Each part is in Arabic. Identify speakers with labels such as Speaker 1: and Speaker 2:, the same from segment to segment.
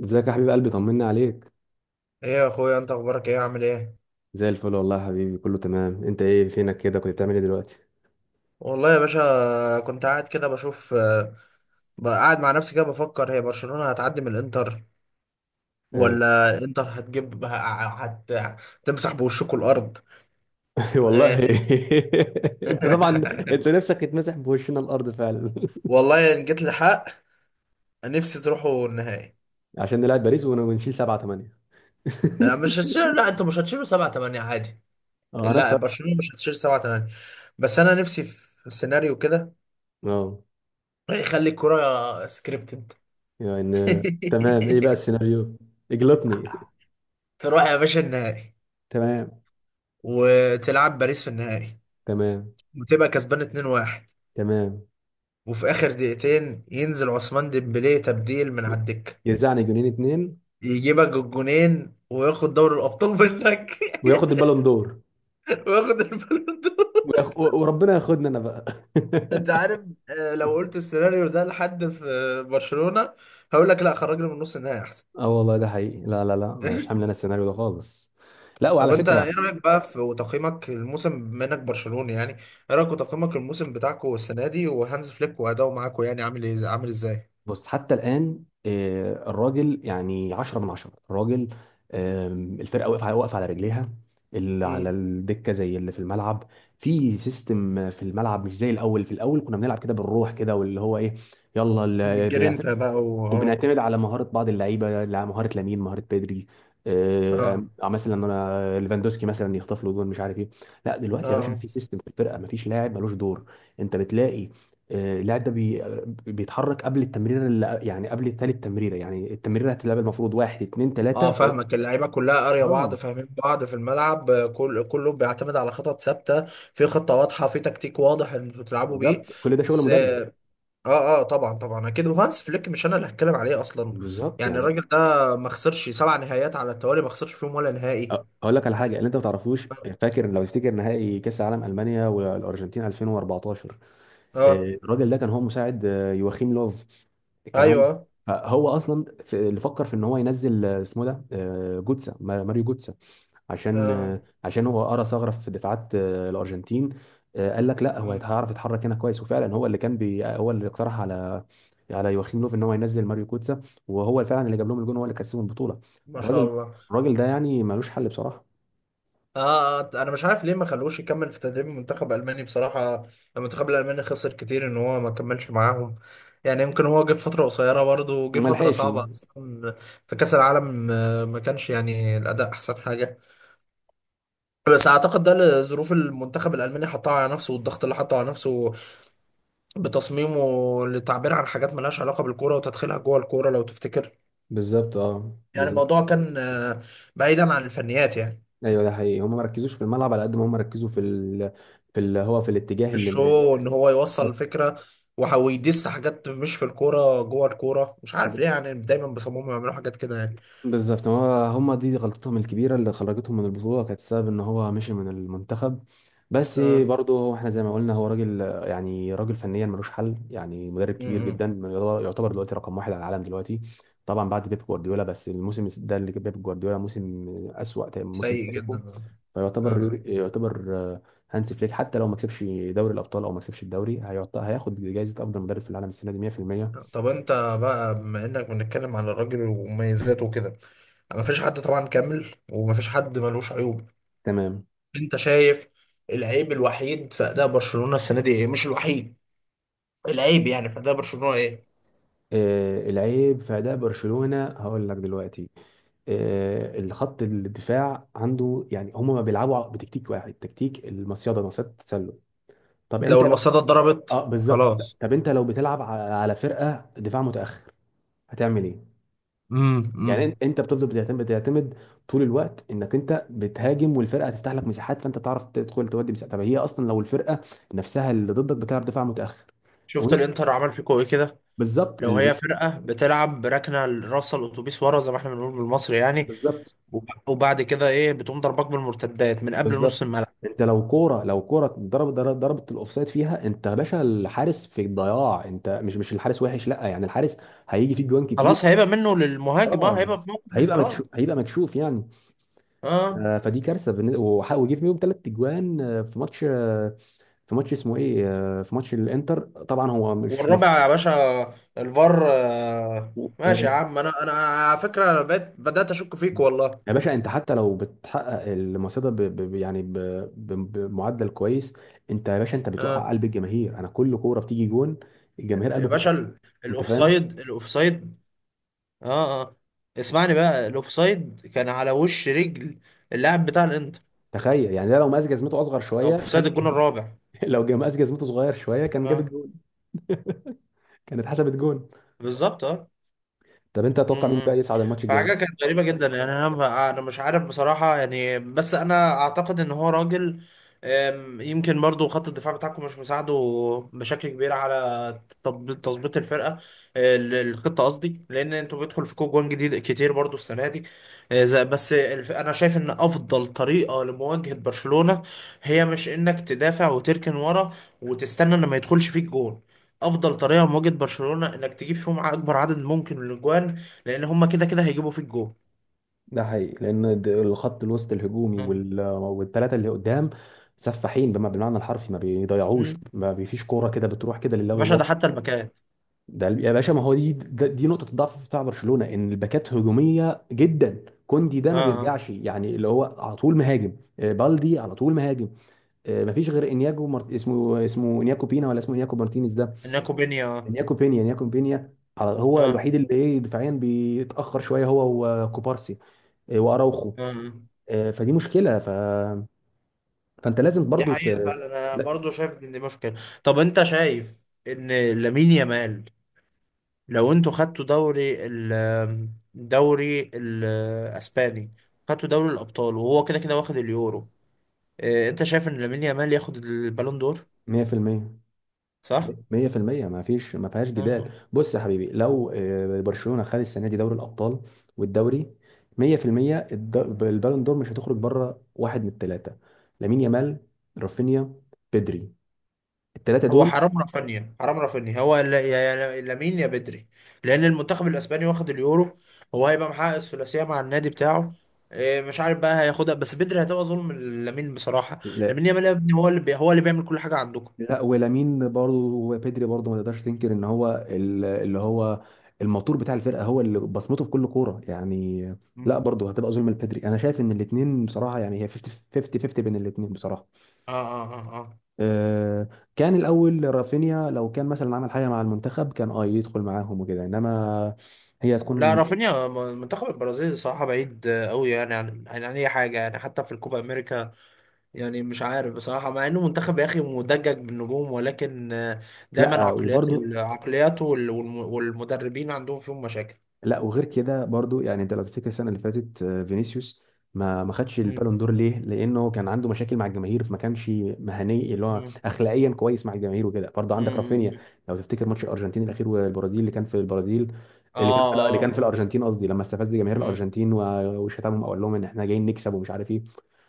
Speaker 1: ازيك يا حبيب قلبي، طمنا عليك.
Speaker 2: ايه يا اخويا، انت اخبارك ايه؟ عامل ايه؟
Speaker 1: زي الفل والله يا حبيبي، كله تمام. انت ايه فينك كده؟ كنت بتعمل ايه دلوقتي؟
Speaker 2: والله يا باشا كنت قاعد كده بشوف بقى قاعد مع نفسي كده بفكر هي برشلونة هتعدي من الانتر،
Speaker 1: اه،
Speaker 2: ولا انتر هتجيب هتمسح بوشكوا الارض.
Speaker 1: والله. انت طبعا انت نفسك تتمسح بوشنا الارض فعلا.
Speaker 2: والله ان جيت لحق، نفسي تروحوا النهائي.
Speaker 1: عشان نلعب باريس ونشيل سبعة تمانية.
Speaker 2: مش هتشيل، لا، انتوا مش هتشيلوا 7 8 عادي.
Speaker 1: اه
Speaker 2: لا،
Speaker 1: هنخسر.
Speaker 2: برشلونة مش هتشيل 7 8، بس انا نفسي في سيناريو كده
Speaker 1: اه،
Speaker 2: يخلي الكرة سكريبتد.
Speaker 1: يعني تمام، ايه بقى السيناريو؟ اجلطني.
Speaker 2: تروح يا باشا النهائي
Speaker 1: تمام.
Speaker 2: وتلعب باريس في النهائي
Speaker 1: تمام.
Speaker 2: وتبقى كسبان 2-1،
Speaker 1: تمام.
Speaker 2: وفي اخر دقيقتين ينزل عثمان ديمبلي تبديل من على الدكه،
Speaker 1: يرزعني جنين اتنين.
Speaker 2: يجيبك الجونين وياخد دوري الابطال منك.
Speaker 1: وياخد البالون دور.
Speaker 2: وياخد البالون دور.
Speaker 1: وربنا ياخدنا انا بقى.
Speaker 2: انت عارف، لو قلت السيناريو ده لحد في برشلونه هقول لك لا، خرجنا من نص النهائي احسن.
Speaker 1: اه والله ده حقيقي، لا لا لا، مش حامل انا السيناريو ده خالص. لا، وعلى
Speaker 2: طب انت
Speaker 1: فكره،
Speaker 2: ايه رايك بقى في وتقييمك الموسم بما انك برشلوني يعني؟ ايه رايك وتقييمك الموسم بتاعكم السنه دي، وهانز فليك واداؤه معاكم، يعني عامل ايه؟ عامل ازاي؟
Speaker 1: بص حتى الان الراجل يعني 10 من 10 الراجل. الفرقه واقفه واقفه على رجليها، اللي على الدكه زي اللي في الملعب، في سيستم في الملعب مش زي الاول. في الاول كنا بنلعب كده بالروح كده واللي هو ايه، يلا.
Speaker 2: بالجرينتا بقى، و اه،
Speaker 1: وبنعتمد على مهارة بعض اللعيبة، مهارة لامين، مهارة بيدري.
Speaker 2: اه،
Speaker 1: مثلا انا ليفاندوسكي مثلا يخطف له جول مش عارف ايه. لا
Speaker 2: اه،
Speaker 1: دلوقتي يا باشا
Speaker 2: اه.
Speaker 1: في سيستم في الفرقة، مفيش لاعب ملوش دور. انت بتلاقي اللاعب ده بي آه، بيتحرك قبل التمريره اللي يعني قبل التالت تمريره. يعني التمريره هتتلعب المفروض واحد اتنين تلاته
Speaker 2: اه،
Speaker 1: فوق.
Speaker 2: فاهمك، اللعيبه كلها قاريه بعض،
Speaker 1: اه
Speaker 2: فاهمين بعض في الملعب. كله بيعتمد على خطط ثابته، في خطه واضحه، في تكتيك واضح ان انتوا بتلعبوا بيه.
Speaker 1: بالظبط، كل ده شغل
Speaker 2: بس
Speaker 1: مدرب.
Speaker 2: اه، اه. طبعا طبعا اكيد، وهانس فليك مش انا اللي هتكلم عليه اصلا.
Speaker 1: بالظبط
Speaker 2: يعني
Speaker 1: يعني.
Speaker 2: الراجل ده ما خسرش سبع نهائيات على التوالي، ما خسرش فيهم ولا
Speaker 1: أ-
Speaker 2: نهائي.
Speaker 1: اقول لك على حاجه اللي انت ما تعرفوش. فاكر لو تفتكر نهائي كاس العالم المانيا والارجنتين 2014؟
Speaker 2: اه.
Speaker 1: الراجل ده كان هو مساعد يواخيم لوف. كان هو مس-
Speaker 2: ايوه.
Speaker 1: فهو اصلا اللي فكر في ان هو ينزل اسمه ده، آه، جوتسا ما- ماريو جوتسا. عشان
Speaker 2: اه.
Speaker 1: آه، عشان هو قرا ثغره في دفاعات الارجنتين. قال لك لا، هو
Speaker 2: مم،
Speaker 1: هيعرف يتحرك هنا كويس. وفعلا هو اللي كان هو اللي اقترح على يواخيم لوف ان هو ينزل ماريو جوتسا. وهو فعلا اللي جاب لهم الجون، هو اللي كسبهم البطوله.
Speaker 2: ما شاء
Speaker 1: الراجل،
Speaker 2: الله.
Speaker 1: الراجل ده يعني ملوش حل بصراحه.
Speaker 2: اه، انا مش عارف ليه ما خلوش يكمل في تدريب المنتخب الالماني بصراحه. المنتخب الالماني خسر كتير ان هو ما كملش معاهم. يعني يمكن هو جه في فتره قصيره برضه، وجه
Speaker 1: ما
Speaker 2: فتره
Speaker 1: لحقش.
Speaker 2: صعبه اصلا. في كاس العالم ما كانش يعني الاداء احسن حاجه، بس اعتقد ده لظروف المنتخب الالماني حطها على نفسه، والضغط اللي حطه على نفسه بتصميمه للتعبير عن حاجات ملهاش علاقه بالكوره وتدخلها جوه الكوره، لو تفتكر.
Speaker 1: بالظبط اه
Speaker 2: يعني
Speaker 1: بالظبط.
Speaker 2: الموضوع كان بعيدا عن الفنيات يعني.
Speaker 1: ايوه ده حقيقي، هم ما ركزوش في الملعب على قد ما هم ركزوا في في اللي هو في الاتجاه
Speaker 2: في
Speaker 1: اللي.
Speaker 2: الشو ان هو يوصل
Speaker 1: بالظبط.
Speaker 2: الفكره، وهو يدس حاجات مش في الكوره جوه الكوره، مش عارف ليه، يعني دايما بيصمموا يعملوا حاجات كده يعني.
Speaker 1: بالظبط، هو هم دي غلطتهم الكبيره اللي خرجتهم من البطوله كانت السبب ان هو مشي من المنتخب. بس
Speaker 2: اه.
Speaker 1: برضه هو، احنا زي ما قلنا، هو راجل، يعني راجل فنيا ملوش حل، يعني مدرب كبير جدا.
Speaker 2: امم
Speaker 1: يعتبر دلوقتي رقم واحد على العالم دلوقتي، طبعا بعد بيب جوارديولا. بس الموسم ده اللي بيب جوارديولا، موسم اسوأ موسم في
Speaker 2: سيء جدا.
Speaker 1: تاريخه.
Speaker 2: اه، اه.
Speaker 1: يعتبر هانسي فليك حتى لو ما كسبش دوري الابطال او ما كسبش الدوري، هياخد جائزه افضل مدرب في العالم السنه دي 100%.
Speaker 2: طب انت بقى، بما انك بنتكلم على الراجل ومميزاته وكده، ما فيش حد طبعا كامل، وما فيش حد ملوش عيوب.
Speaker 1: تمام.
Speaker 2: انت شايف العيب الوحيد في اداء برشلونه السنه دي ايه، مش الوحيد، العيب يعني في اداء برشلونه ايه؟
Speaker 1: العيب في اداء برشلونه هقول لك دلوقتي. الخط الدفاع عنده، يعني هم ما بيلعبوا بتكتيك واحد، تكتيك المصيده، مصيده التسلل. طب
Speaker 2: لو
Speaker 1: انت لو،
Speaker 2: المصاده اتضربت،
Speaker 1: اه بالظبط.
Speaker 2: خلاص.
Speaker 1: طب انت لو بتلعب على فرقه دفاع متاخر، هتعمل ايه؟
Speaker 2: امم.
Speaker 1: يعني
Speaker 2: امم.
Speaker 1: انت بتفضل بتعتمد طول الوقت انك انت بتهاجم والفرقه هتفتح لك مساحات، فانت تعرف تدخل تودي مساحات. طب هي اصلا لو الفرقه نفسها اللي ضدك بتلعب دفاع متاخر
Speaker 2: شفت
Speaker 1: وانت-
Speaker 2: الانتر عمل فيكوا ايه كده؟
Speaker 1: بالظبط،
Speaker 2: لو هي
Speaker 1: اللي
Speaker 2: فرقة بتلعب بركنة رأس الأتوبيس ورا، زي ما احنا بنقول بالمصري يعني،
Speaker 1: بالظبط.
Speaker 2: وبعد كده إيه بتقوم ضربك بالمرتدات من قبل نص
Speaker 1: بالظبط،
Speaker 2: الملعب.
Speaker 1: انت لو كوره، ضربت الاوفسايد فيها، انت يا باشا الحارس في الضياع. انت، مش الحارس وحش، لا يعني الحارس هيجي فيك جوان كتير.
Speaker 2: خلاص، هيبقى منه للمهاجم، اه،
Speaker 1: اه،
Speaker 2: هيبقى في موقف
Speaker 1: هيبقى
Speaker 2: انفراد.
Speaker 1: مكشوف هيبقى مكشوف يعني.
Speaker 2: اه.
Speaker 1: فدي كارثه. وجه فيهم ثلاث اجوان في ماتش، في ماتش اسمه ايه، في ماتش الانتر. طبعا هو مش.
Speaker 2: والرابع يا باشا، الفار،
Speaker 1: آه،
Speaker 2: ماشي يا عم. أنا على فكرة أنا بقيت بدأت أشك فيك والله.
Speaker 1: يا باشا انت حتى لو بتحقق المصيدة بمعدل كويس، انت يا باشا انت بتوقع
Speaker 2: اه،
Speaker 1: قلب الجماهير. انا كل كورة بتيجي جون، الجماهير
Speaker 2: يا باشا،
Speaker 1: انت فاهم.
Speaker 2: الأوفسايد، الأوفسايد. اه، اه، اسمعني بقى، الأوفسايد كان على وش رجل اللاعب بتاع الإنتر.
Speaker 1: تخيل يعني ده، لو مقاس جزمته اصغر شوية
Speaker 2: أوفسايد
Speaker 1: كان
Speaker 2: الجون الرابع.
Speaker 1: لو مقاس جزمته صغير شوية كان جاب
Speaker 2: اه،
Speaker 1: الجون، كانت حسبت جون.
Speaker 2: بالظبط، اه.
Speaker 1: طب انت تتوقع مين بقى
Speaker 2: امم
Speaker 1: يصعد الماتش الجاي؟
Speaker 2: فحاجة كانت غريبة جدا يعني. أنا مش عارف بصراحة يعني. بس أنا أعتقد إن هو راجل. يمكن برضو خط الدفاع بتاعكم مش مساعده بشكل كبير على تطبيق تظبيط الفرقة، الخطة قصدي، لأن أنتوا بيدخل فيكم جوان جديد كتير برضو السنة دي. أه، ز- بس الف- أنا شايف إن أفضل طريقة لمواجهة برشلونة هي مش إنك تدافع وتركن ورا وتستنى إن ما يدخلش فيك جون. افضل طريقه لمواجهه برشلونه انك تجيب فيهم اكبر عدد ممكن من الاجوان، لان هما كده كده هيجيبوا فيك جول.
Speaker 1: ده حقيقي، لان الخط الوسط الهجومي
Speaker 2: اه.
Speaker 1: والثلاثه اللي قدام سفاحين، بالمعنى الحرفي، ما بيضيعوش،
Speaker 2: مم.
Speaker 1: ما بيفيش كوره كده بتروح كده لله
Speaker 2: يا باشا ده
Speaker 1: وللوطن.
Speaker 2: حتى الباكات.
Speaker 1: ده يا باشا، ما هو دي، دي نقطه الضعف بتاع برشلونه، ان الباكات هجوميه جدا. كوندي ده
Speaker 2: اه،
Speaker 1: ما
Speaker 2: اه.
Speaker 1: بيرجعش، يعني اللي هو على طول مهاجم، بالدي على طول مهاجم. ما فيش غير اسمه انياكو بينا، ولا اسمه انياكو مارتينيز ده؟
Speaker 2: انكو بينيا، اه.
Speaker 1: انياكو بينيا، انياكو بينيا، هو
Speaker 2: اه،
Speaker 1: الوحيد اللي ايه دفاعيا بيتاخر شويه، هو وكوبارسي، واراوخو.
Speaker 2: اه،
Speaker 1: فدي مشكلة فأنت لازم
Speaker 2: دي
Speaker 1: برضو
Speaker 2: حقيقة فعلا. انا
Speaker 1: لا.
Speaker 2: برضو شايف ان دي مشكلة. طب انت شايف ان لامين يامال، لو انتوا خدتوا دوري الاسباني، خدتوا دوري الابطال، وهو كده كده واخد اليورو، انت شايف ان لامين يامال ياخد البالون دور؟
Speaker 1: 100%،
Speaker 2: صح؟
Speaker 1: 100%، ما فيش، ما فيهاش جدال. بص يا حبيبي، لو برشلونة خد السنة دي دوري الأبطال والدوري، 100%، البالون دور مش هتخرج بره واحد من الثلاثة: لامين يامال، رافينيا، بيدري. الثلاثة
Speaker 2: هو
Speaker 1: دول.
Speaker 2: حرام رافينيا، حرام رافينيا، هو يا لامين يا بدري، لان المنتخب الاسباني واخد اليورو، هو هيبقى محقق الثلاثيه مع النادي بتاعه. إيه، مش عارف بقى هياخدها، بس بدري هتبقى ظلم. لامين بصراحه، لامين يامال يا ابني هو اللي هو اللي بيعمل كل حاجه عندكم.
Speaker 1: لا ولامين برضه، وبيدري برضه ما تقدرش تنكر ان هو اللي هو الموتور بتاع الفرقه، هو اللي بصمته في كل كوره يعني. لا
Speaker 2: مم.
Speaker 1: برضه هتبقى ظلم لبيدري. انا شايف ان الاثنين بصراحه، يعني هي 50 50 50 بين الاثنين بصراحه.
Speaker 2: اه، اه، اه، اه.
Speaker 1: أه، كان الاول رافينيا لو كان مثلا عمل حاجه مع المنتخب كان اه يدخل معاهم وكده، انما هي
Speaker 2: مم. لا،
Speaker 1: هتكون.
Speaker 2: رافينيا، منتخب البرازيل صراحه بعيد قوي يعني عن اي حاجه يعني، حتى في الكوبا امريكا. يعني مش عارف بصراحة، مع انه منتخب يا اخي مدجج بالنجوم، ولكن دايما
Speaker 1: لا
Speaker 2: عقليات،
Speaker 1: وبرضه،
Speaker 2: العقليات وال- والم- والمدربين عندهم فيهم مشاكل.
Speaker 1: لا وغير كده برضو، يعني انت لو تفتكر السنه اللي فاتت فينيسيوس ما خدش
Speaker 2: مم.
Speaker 1: البالون دور ليه؟ لانه كان عنده مشاكل مع الجماهير، فما كانش مهني اللي هو
Speaker 2: مم.
Speaker 1: اخلاقيا كويس مع الجماهير وكده. برضو عندك
Speaker 2: مم.
Speaker 1: رافينيا،
Speaker 2: مم.
Speaker 1: لو تفتكر ماتش الارجنتين الاخير والبرازيل اللي كان في البرازيل،
Speaker 2: اه،
Speaker 1: اللي
Speaker 2: اه،
Speaker 1: كان في
Speaker 2: اه.
Speaker 1: الارجنتين قصدي، لما استفز جماهير
Speaker 2: مم.
Speaker 1: الارجنتين وشتمهم وقال لهم ان احنا جايين نكسب ومش عارف ايه.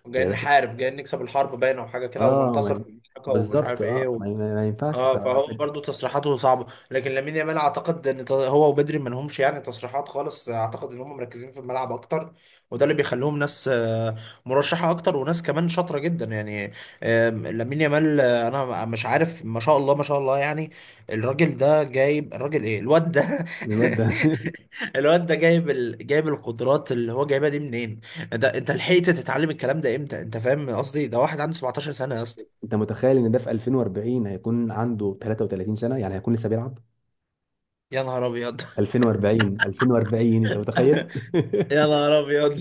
Speaker 2: جاي
Speaker 1: يا باشا
Speaker 2: نحارب، جاي نكسب، الحرب باينة وحاجة كده،
Speaker 1: اه ما
Speaker 2: وننتصر في
Speaker 1: ين-
Speaker 2: المشاركة، ومش
Speaker 1: بالظبط.
Speaker 2: عارف ايه
Speaker 1: اه
Speaker 2: و...
Speaker 1: ما ينفعش
Speaker 2: اه، فهو برضو تصريحاته صعبه. لكن لامين يامال اعتقد ان هو وبدري ما لهمش يعني تصريحات خالص، اعتقد ان هم مركزين في الملعب اكتر، وده اللي بيخليهم ناس مرشحه اكتر، وناس كمان شاطره جدا يعني. لامين يامال، انا مش عارف، ما شاء الله ما شاء الله يعني. الراجل ده جايب، الراجل، ايه الواد ده؟
Speaker 1: الواد ده.
Speaker 2: الواد ده جايب القدرات اللي هو جايبها دي منين؟ ده انت لحقت تتعلم الكلام ده امتى؟ انت فاهم قصدي؟ ده واحد عنده 17 سنه يا اسطى!
Speaker 1: انت متخيل ان ده في 2040 هيكون عنده 33 سنه يعني هيكون لسه بيلعب؟
Speaker 2: يا نهار ابيض.
Speaker 1: 2040، 2040، انت متخيل؟
Speaker 2: يا نهار ابيض.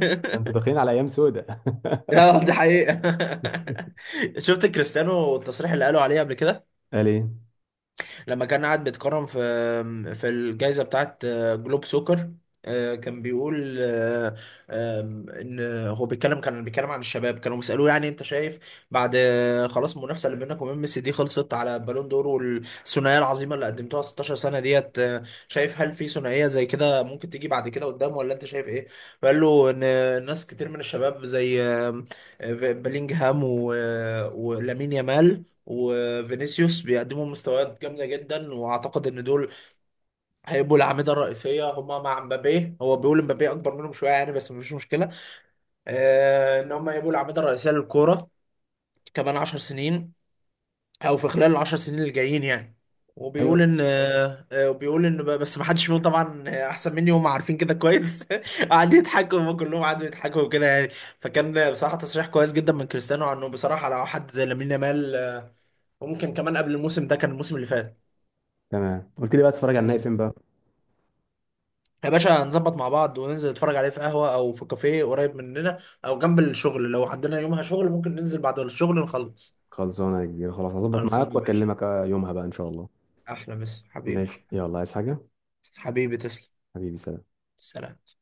Speaker 1: انتوا داخلين على ايام سودة.
Speaker 2: يا نهار، دي حقيقة. شفت كريستيانو التصريح اللي قالوا عليه قبل كده؟
Speaker 1: قال ايه؟
Speaker 2: لما كان قاعد بيتكرم في الجائزة بتاعت جلوب سوكر، كان بيقول آه، آم، ان هو بيتكلم كان بيتكلم عن الشباب، كانوا بيسألوه يعني انت شايف بعد خلاص المنافسة اللي بينك وبين ميسي دي خلصت على بالون دور، والثنائية العظيمة اللي قدمتوها 16 سنة ديت، شايف هل في ثنائية زي كده ممكن تيجي بعد كده قدام، ولا انت شايف ايه؟ فقال له ان ناس كتير من الشباب زي آم، آه، بلينجهام ولامين يامال وفينيسيوس، بيقدموا مستويات جامده جدا، واعتقد ان دول هيبقوا الاعمده الرئيسيه، هما مع مبابي. هو بيقول مبابي اكبر منهم شويه يعني، بس مش مشكله، ان هما هيبقوا الاعمده الرئيسيه للكوره كمان 10 سنين، او في خلال العشر سنين اللي جايين يعني. وبيقول
Speaker 1: ايوه.
Speaker 2: ان بس ما حدش فيهم طبعا احسن مني، وهم عارفين كده كويس. قعدوا يضحكوا، هم كلهم قعدوا يضحكوا وكده يعني. فكان بصراحه تصريح كويس جدا من كريستيانو عنه بصراحه لو حد زي لامين يامال، وممكن كمان قبل الموسم ده، كان الموسم اللي فات.
Speaker 1: تمام، قلت لي بقى تتفرج على النهائي
Speaker 2: مم.
Speaker 1: فين بقى؟
Speaker 2: يا باشا، نظبط مع بعض وننزل نتفرج عليه في قهوة أو في كافيه قريب مننا، أو جنب الشغل لو عندنا يومها شغل ممكن ننزل بعد الشغل نخلص.
Speaker 1: خلصانه يا كبير، خلاص هظبط معاك
Speaker 2: خلصانة يا باشا.
Speaker 1: واكلمك يومها بقى ان شاء الله.
Speaker 2: أحلى مسا حبيبي.
Speaker 1: ماشي يلا، عايز حاجه؟
Speaker 2: حبيبي تسلم.
Speaker 1: حبيبي سلام.
Speaker 2: سلام.